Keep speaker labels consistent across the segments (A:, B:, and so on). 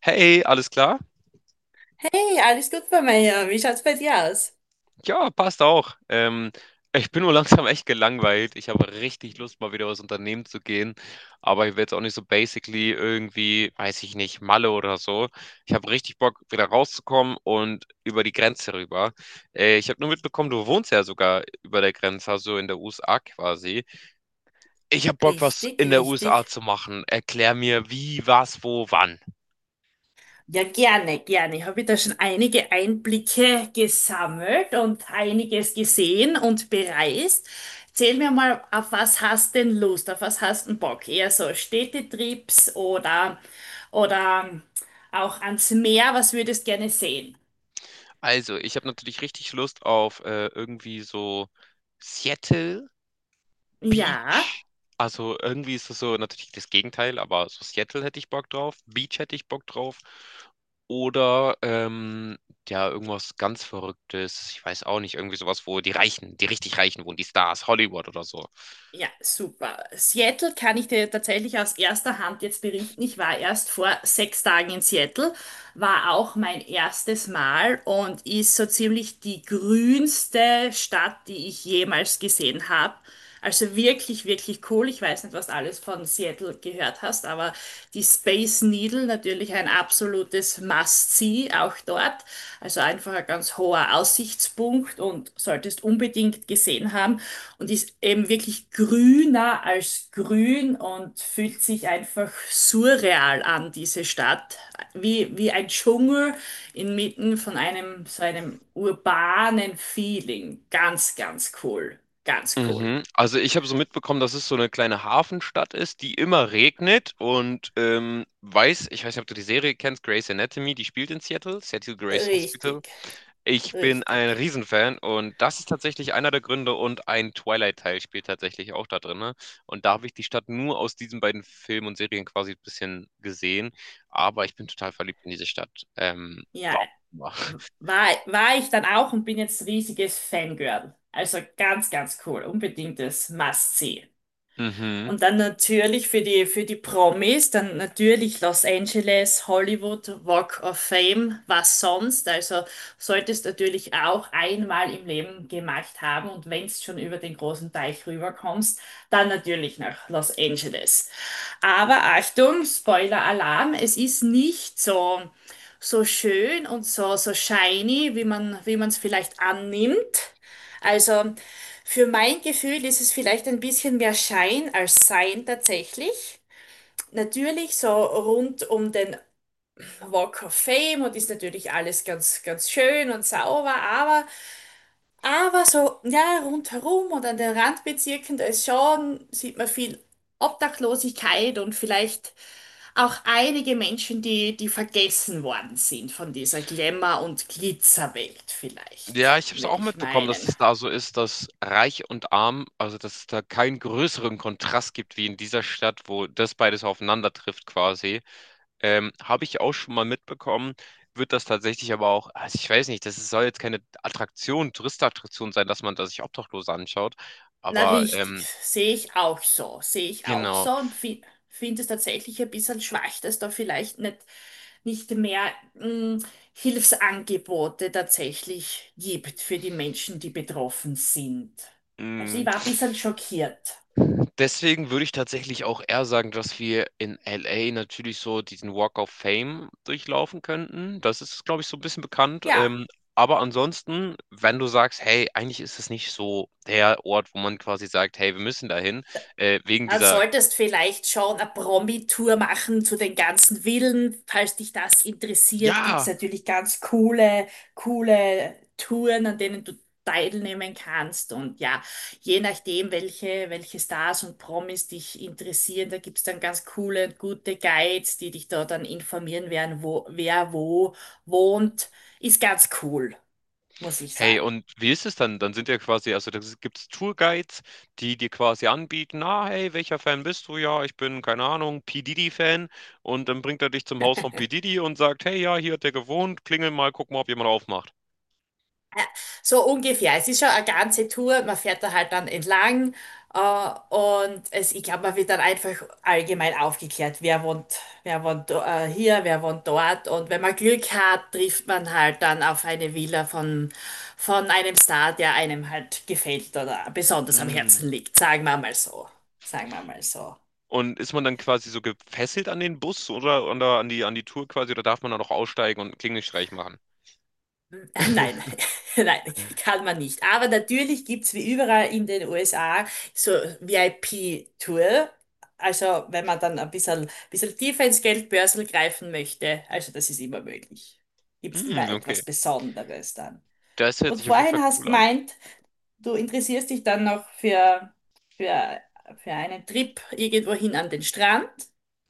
A: Hey, alles klar?
B: Hey, alles gut bei mir hier. Wie schaut's bei dir aus?
A: Ja, passt auch. Ich bin nur langsam echt gelangweilt. Ich habe richtig Lust, mal wieder was unternehmen zu gehen. Aber ich will jetzt auch nicht so basically irgendwie, weiß ich nicht, Malle oder so. Ich habe richtig Bock, wieder rauszukommen und über die Grenze rüber. Ich habe nur mitbekommen, du wohnst ja sogar über der Grenze, also in der USA quasi. Ich habe Bock, was
B: Richtig,
A: in der
B: richtig.
A: USA zu machen. Erklär mir, wie, was, wo, wann.
B: Ja, gerne, gerne. Ich habe da schon einige Einblicke gesammelt und einiges gesehen und bereist. Erzähl mir mal, auf was hast denn Lust? Auf was hast denn Bock? Eher so Städtetrips oder auch ans Meer? Was würdest gerne sehen?
A: Also, ich habe natürlich richtig Lust auf irgendwie so. Seattle
B: Ja.
A: Beach, also irgendwie ist es so natürlich das Gegenteil, aber so Seattle hätte ich Bock drauf, Beach hätte ich Bock drauf. Oder ja, irgendwas ganz Verrücktes, ich weiß auch nicht, irgendwie sowas, wo die Reichen, die richtig Reichen wohnen, die Stars, Hollywood oder so.
B: Ja, super. Seattle kann ich dir tatsächlich aus erster Hand jetzt berichten. Ich war erst vor 6 Tagen in Seattle, war auch mein erstes Mal und ist so ziemlich die grünste Stadt, die ich jemals gesehen habe. Also wirklich, wirklich cool. Ich weiß nicht, was du alles von Seattle gehört hast, aber die Space Needle natürlich ein absolutes Must-See auch dort. Also einfach ein ganz hoher Aussichtspunkt und solltest unbedingt gesehen haben. Und ist eben wirklich grüner als grün und fühlt sich einfach surreal an, diese Stadt. Wie ein Dschungel inmitten von einem so einem urbanen Feeling. Ganz, ganz cool. Ganz cool.
A: Mhm. Also ich habe so mitbekommen, dass es so eine kleine Hafenstadt ist, die immer regnet und ich weiß nicht, ob du die Serie kennst, Grey's Anatomy, die spielt in Seattle, Seattle Grey's Hospital.
B: Richtig,
A: Ich bin ein
B: richtig.
A: Riesenfan und das ist tatsächlich einer der Gründe und ein Twilight-Teil spielt tatsächlich auch da drin. Ne? Und da habe ich die Stadt nur aus diesen beiden Filmen und Serien quasi ein bisschen gesehen, aber ich bin total verliebt in diese Stadt.
B: Ja,
A: Warum auch immer.
B: war ich dann auch und bin jetzt riesiges Fangirl. Also ganz, ganz cool. Unbedingtes Must-See.
A: Mhm.
B: Und dann natürlich für die Promis, dann natürlich Los Angeles, Hollywood, Walk of Fame, was sonst. Also solltest natürlich auch einmal im Leben gemacht haben. Und wenn's schon über den großen Teich rüberkommst, dann natürlich nach Los Angeles. Aber Achtung, Spoiler-Alarm, es ist nicht so, so schön und so, so shiny, wie man es vielleicht annimmt. Also für mein Gefühl ist es vielleicht ein bisschen mehr Schein als Sein tatsächlich. Natürlich so rund um den Walk of Fame und ist natürlich alles ganz, ganz schön und sauber, aber so, ja, rundherum und an den Randbezirken, da ist schon, sieht man viel Obdachlosigkeit und vielleicht auch einige Menschen, die vergessen worden sind von dieser Glamour- und Glitzerwelt vielleicht,
A: Ja, ich habe es auch
B: würde ich
A: mitbekommen, dass
B: meinen.
A: es da so ist, dass reich und arm, also dass es da keinen größeren Kontrast gibt wie in dieser Stadt, wo das beides aufeinander trifft quasi. Habe ich auch schon mal mitbekommen, wird das tatsächlich aber auch, also ich weiß nicht, soll jetzt keine Attraktion, Touristenattraktion sein, dass man da sich Obdachlose anschaut,
B: Na
A: aber
B: richtig, sehe ich auch so, sehe ich auch
A: genau.
B: so und fi finde es tatsächlich ein bisschen schwach, dass da vielleicht nicht, nicht mehr Hilfsangebote tatsächlich gibt für die Menschen, die betroffen sind. Also ich
A: Mm.
B: war ein bisschen schockiert.
A: Deswegen würde ich tatsächlich auch eher sagen, dass wir in LA natürlich so diesen Walk of Fame durchlaufen könnten. Das ist, glaube ich, so ein bisschen bekannt.
B: Ja.
A: Aber ansonsten, wenn du sagst, hey, eigentlich ist es nicht so der Ort, wo man quasi sagt, hey, wir müssen dahin, wegen
B: Dann
A: dieser,
B: solltest vielleicht schon eine Promi-Tour machen zu den ganzen Villen. Falls dich das interessiert, gibt's
A: ja.
B: natürlich ganz coole Touren, an denen du teilnehmen kannst. Und ja, je nachdem, welche Stars und Promis dich interessieren, da gibt's dann ganz coole und gute Guides, die dich da dann informieren werden, wo, wer wo wohnt. Ist ganz cool, muss ich
A: Hey,
B: sagen.
A: und wie ist es dann? Dann sind ja quasi, also da gibt es Tourguides, die dir quasi anbieten, na, hey, welcher Fan bist du? Ja, ich bin, keine Ahnung, P. Diddy-Fan. Und dann bringt er dich zum Haus von P. Diddy und sagt, hey, ja, hier hat er gewohnt, klingel mal, guck mal, ob jemand aufmacht.
B: So ungefähr. Es ist schon eine ganze Tour. Man fährt da halt dann entlang. Äh, und es, ich glaube, man wird dann einfach allgemein aufgeklärt, wer wohnt hier, wer wohnt dort. Und wenn man Glück hat, trifft man halt dann auf eine Villa von einem Star, der einem halt gefällt oder besonders am
A: Mm.
B: Herzen liegt. Sagen wir mal so. Sagen wir mal so.
A: Und ist man dann quasi so gefesselt an den Bus oder an die Tour quasi, oder darf man da noch aussteigen und einen Klingelstreich machen?
B: Nein, nein, kann man nicht. Aber natürlich gibt's wie überall in den USA so VIP-Tour. Also wenn man dann ein bisschen tiefer ins Geldbörsel greifen möchte, also das ist immer möglich. Gibt's
A: Hm,
B: immer
A: okay.
B: etwas Besonderes dann.
A: Das hört
B: Und
A: sich auf jeden Fall
B: vorhin hast
A: cool an.
B: gemeint, du interessierst dich dann noch für, für einen Trip irgendwohin an den Strand.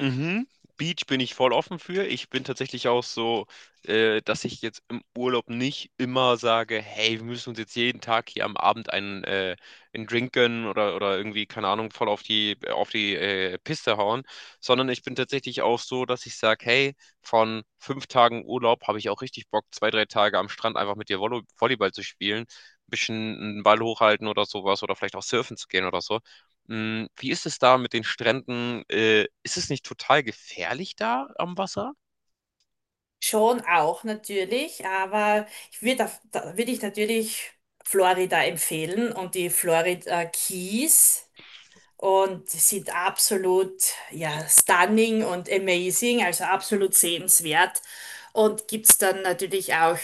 A: Mhm. Beach bin ich voll offen für. Ich bin tatsächlich auch so, dass ich jetzt im Urlaub nicht immer sage, hey, wir müssen uns jetzt jeden Tag hier am Abend einen, einen Drink gönnen oder irgendwie, keine Ahnung, voll auf die Piste hauen, sondern ich bin tatsächlich auch so, dass ich sage, hey, von 5 Tagen Urlaub habe ich auch richtig Bock, 2, 3 Tage am Strand einfach mit dir Volleyball zu spielen, ein bisschen einen Ball hochhalten oder sowas oder vielleicht auch surfen zu gehen oder so. Hm, wie ist es da mit den Stränden? Ist es nicht total gefährlich da am Wasser?
B: Schon auch natürlich, aber ich würde da würde ich natürlich Florida empfehlen und die Florida Keys und sie sind absolut, ja, stunning und amazing, also absolut sehenswert. Und gibt's dann natürlich auch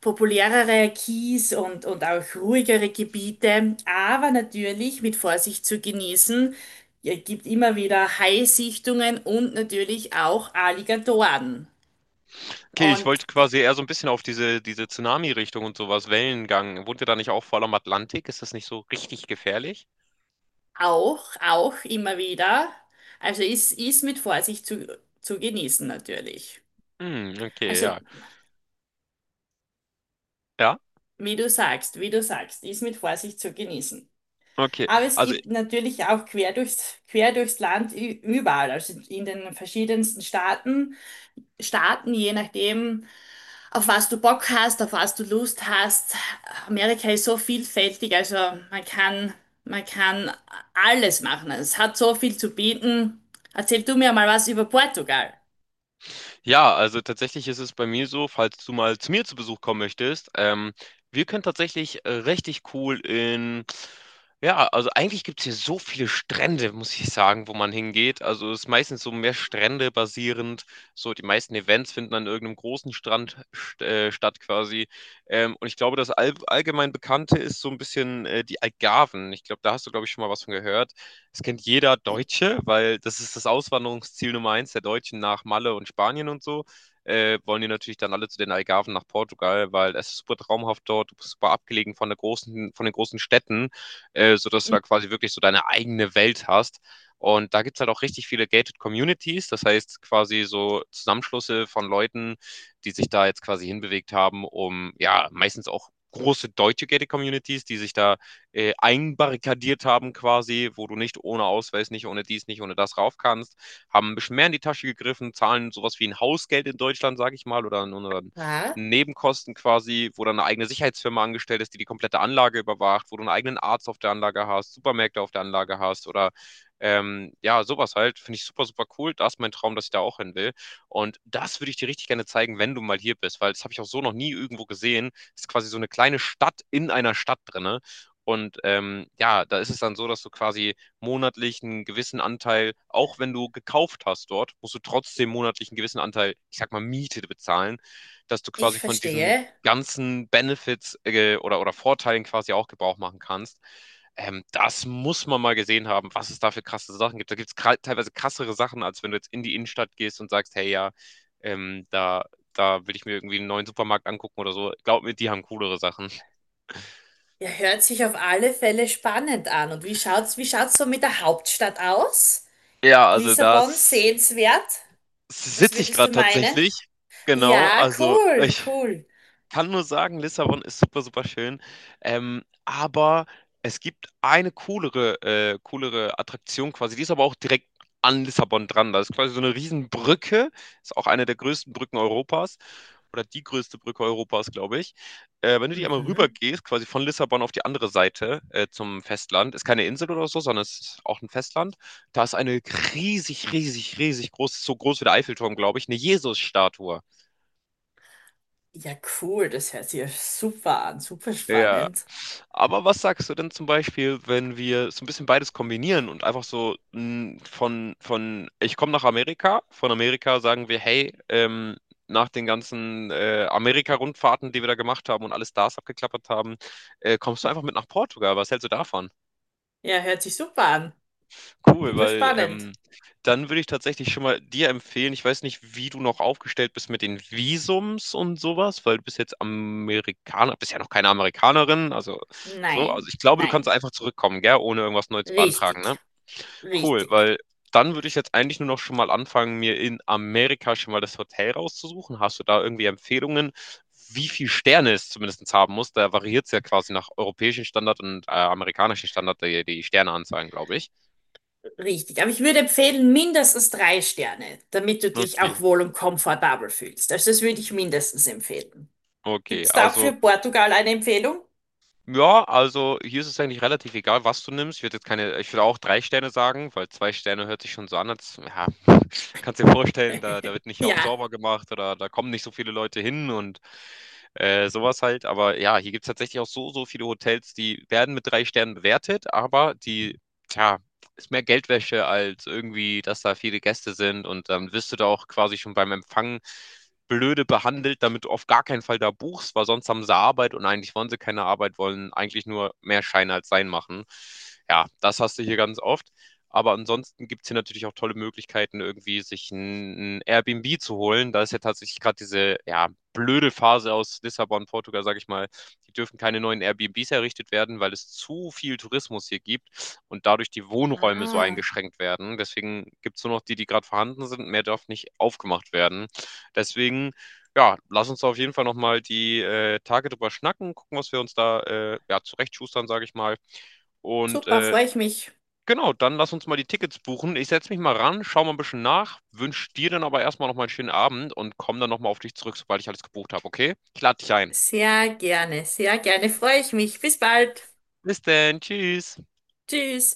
B: populärere Keys und auch ruhigere Gebiete, aber natürlich mit Vorsicht zu genießen. Es gibt immer wieder Haisichtungen und natürlich auch Alligatoren.
A: Okay, ich
B: Und
A: wollte quasi eher so ein bisschen auf diese Tsunami-Richtung und sowas Wellengang. Wohnt ihr da nicht auch voll am Atlantik? Ist das nicht so richtig gefährlich?
B: Auch, auch immer wieder. Also ist mit Vorsicht zu genießen natürlich.
A: Hm, okay,
B: Also
A: ja. Ja?
B: wie du sagst, ist mit Vorsicht zu genießen.
A: Okay.
B: Aber es
A: Also
B: gibt natürlich auch quer durchs Land überall, also in den verschiedensten Staaten, je nachdem, auf was du Bock hast, auf was du Lust hast. Amerika ist so vielfältig, also man kann alles machen. Es hat so viel zu bieten. Erzähl du mir mal was über Portugal.
A: ja, also tatsächlich ist es bei mir so, falls du mal zu mir zu Besuch kommen möchtest, wir können tatsächlich richtig cool in, ja, also eigentlich gibt es hier so viele Strände, muss ich sagen, wo man hingeht. Also es ist meistens so mehr Strände basierend. So die meisten Events finden an irgendeinem großen Strand st statt quasi. Und ich glaube, das allgemein Bekannte ist so ein bisschen die Algarven. Ich glaube, da hast du, glaube ich, schon mal was von gehört. Das kennt jeder Deutsche, weil das ist das Auswanderungsziel Nummer 1 der Deutschen nach Malle und Spanien und so. Wollen die natürlich dann alle zu den Algarven nach Portugal, weil es ist super traumhaft dort, du bist super abgelegen von der großen, von den großen Städten, sodass du da quasi wirklich so deine eigene Welt hast. Und da gibt es halt auch richtig viele Gated Communities, das heißt quasi so Zusammenschlüsse von Leuten, die sich da jetzt quasi hinbewegt haben, um ja meistens auch große deutsche Gated Communities, die sich da einbarrikadiert haben quasi, wo du nicht ohne Ausweis, nicht ohne dies, nicht ohne das rauf kannst, haben ein bisschen mehr in die Tasche gegriffen, zahlen sowas wie ein Hausgeld in Deutschland, sage ich mal, oder
B: Ja,
A: Nebenkosten quasi, wo dann eine eigene Sicherheitsfirma angestellt ist, die die komplette Anlage überwacht, wo du einen eigenen Arzt auf der Anlage hast, Supermärkte auf der Anlage hast oder ja, sowas halt. Finde ich super, super cool. Das ist mein Traum, dass ich da auch hin will. Und das würde ich dir richtig gerne zeigen, wenn du mal hier bist, weil das habe ich auch so noch nie irgendwo gesehen. Das ist quasi so eine kleine Stadt in einer Stadt drin, und ja, da ist es dann so, dass du quasi monatlich einen gewissen Anteil, auch wenn du gekauft hast dort, musst du trotzdem monatlich einen gewissen Anteil, ich sag mal, Miete bezahlen, dass du
B: ich
A: quasi von diesen
B: verstehe.
A: ganzen Benefits oder Vorteilen quasi auch Gebrauch machen kannst. Das muss man mal gesehen haben, was es da für krasse Sachen gibt. Da gibt es teilweise krassere Sachen, als wenn du jetzt in die Innenstadt gehst und sagst, hey ja, ähm, da, da will ich mir irgendwie einen neuen Supermarkt angucken oder so. Glaub mir, die haben coolere Sachen.
B: Ja, hört sich auf alle Fälle spannend an. Und wie schaut's so mit der Hauptstadt aus?
A: Ja, also
B: Lissabon
A: das
B: sehenswert? Was
A: sitze ich
B: würdest
A: gerade
B: du meinen?
A: tatsächlich. Genau,
B: Ja,
A: also
B: cool,
A: ich
B: cool.
A: kann nur sagen, Lissabon ist super, super schön. Aber es gibt eine coolere, coolere Attraktion quasi. Die ist aber auch direkt an Lissabon dran. Da ist quasi so eine Riesenbrücke. Ist auch eine der größten Brücken Europas. Oder die größte Brücke Europas, glaube ich. Wenn du die einmal rüber
B: Mhm.
A: gehst, quasi von Lissabon auf die andere Seite zum Festland, ist keine Insel oder so, sondern es ist auch ein Festland. Da ist eine riesig, riesig, riesig groß, so groß wie der Eiffelturm, glaube ich, eine Jesusstatue.
B: Ja, cool. Das hört sich ja super an, super
A: Ja.
B: spannend.
A: Aber was sagst du denn zum Beispiel, wenn wir so ein bisschen beides kombinieren und einfach so von ich komme nach Amerika, von Amerika sagen wir, hey, nach den ganzen Amerika-Rundfahrten, die wir da gemacht haben und alle Stars abgeklappert haben, kommst du einfach mit nach Portugal. Was hältst du davon?
B: Ja, hört sich super an,
A: Cool,
B: super
A: weil,
B: spannend.
A: dann würde ich tatsächlich schon mal dir empfehlen, ich weiß nicht, wie du noch aufgestellt bist mit den Visums und sowas, weil du bist jetzt Amerikaner, bist ja noch keine Amerikanerin, also so. Also,
B: Nein,
A: ich glaube, du kannst
B: nein.
A: einfach zurückkommen, gell, ohne irgendwas neu zu beantragen, ne?
B: Richtig,
A: Cool,
B: richtig.
A: weil dann würde ich jetzt eigentlich nur noch schon mal anfangen, mir in Amerika schon mal das Hotel rauszusuchen. Hast du da irgendwie Empfehlungen, wie viel Sterne es zumindestens haben muss? Da variiert es ja quasi nach europäischen Standard und, amerikanischen Standard die Sterneanzahlen, glaube ich.
B: Richtig, aber ich würde empfehlen, mindestens 3 Sterne, damit du dich
A: Okay.
B: auch wohl und komfortabel fühlst. Also das würde ich mindestens empfehlen. Gibt
A: Okay,
B: es da auch für
A: also,
B: Portugal eine Empfehlung?
A: ja, also hier ist es eigentlich relativ egal, was du nimmst. Ich würde jetzt keine, ich würde auch 3 Sterne sagen, weil 2 Sterne hört sich schon so an, als, ja, kannst dir vorstellen, da wird nicht oft
B: Ja.
A: sauber gemacht oder da kommen nicht so viele Leute hin und sowas halt. Aber ja, hier gibt es tatsächlich auch so, so viele Hotels, die werden mit 3 Sternen bewertet, aber die, tja, ist mehr Geldwäsche als irgendwie, dass da viele Gäste sind und dann wirst du da auch quasi schon beim Empfang blöde behandelt, damit du auf gar keinen Fall da buchst, weil sonst haben sie Arbeit und eigentlich wollen sie keine Arbeit, wollen eigentlich nur mehr Schein als Sein machen. Ja, das hast du hier ganz oft. Aber ansonsten gibt es hier natürlich auch tolle Möglichkeiten, irgendwie sich ein Airbnb zu holen. Da ist ja tatsächlich gerade diese ja, blöde Phase aus Lissabon, Portugal, sage ich mal. Die dürfen keine neuen Airbnbs errichtet werden, weil es zu viel Tourismus hier gibt und dadurch die Wohnräume so
B: Ah,
A: eingeschränkt werden. Deswegen gibt es nur noch die, die gerade vorhanden sind. Mehr darf nicht aufgemacht werden. Deswegen, ja, lass uns da auf jeden Fall nochmal die Tage drüber schnacken, gucken, was wir uns da ja, zurechtschustern, sage ich mal. Und
B: super, freue ich mich.
A: genau, dann lass uns mal die Tickets buchen. Ich setze mich mal ran, schau mal ein bisschen nach, wünsche dir dann aber erstmal nochmal einen schönen Abend und komm dann nochmal auf dich zurück, sobald ich alles gebucht habe, okay? Ich lade dich ein.
B: Sehr gerne, freue ich mich. Bis bald.
A: Bis dann, tschüss.
B: Tschüss.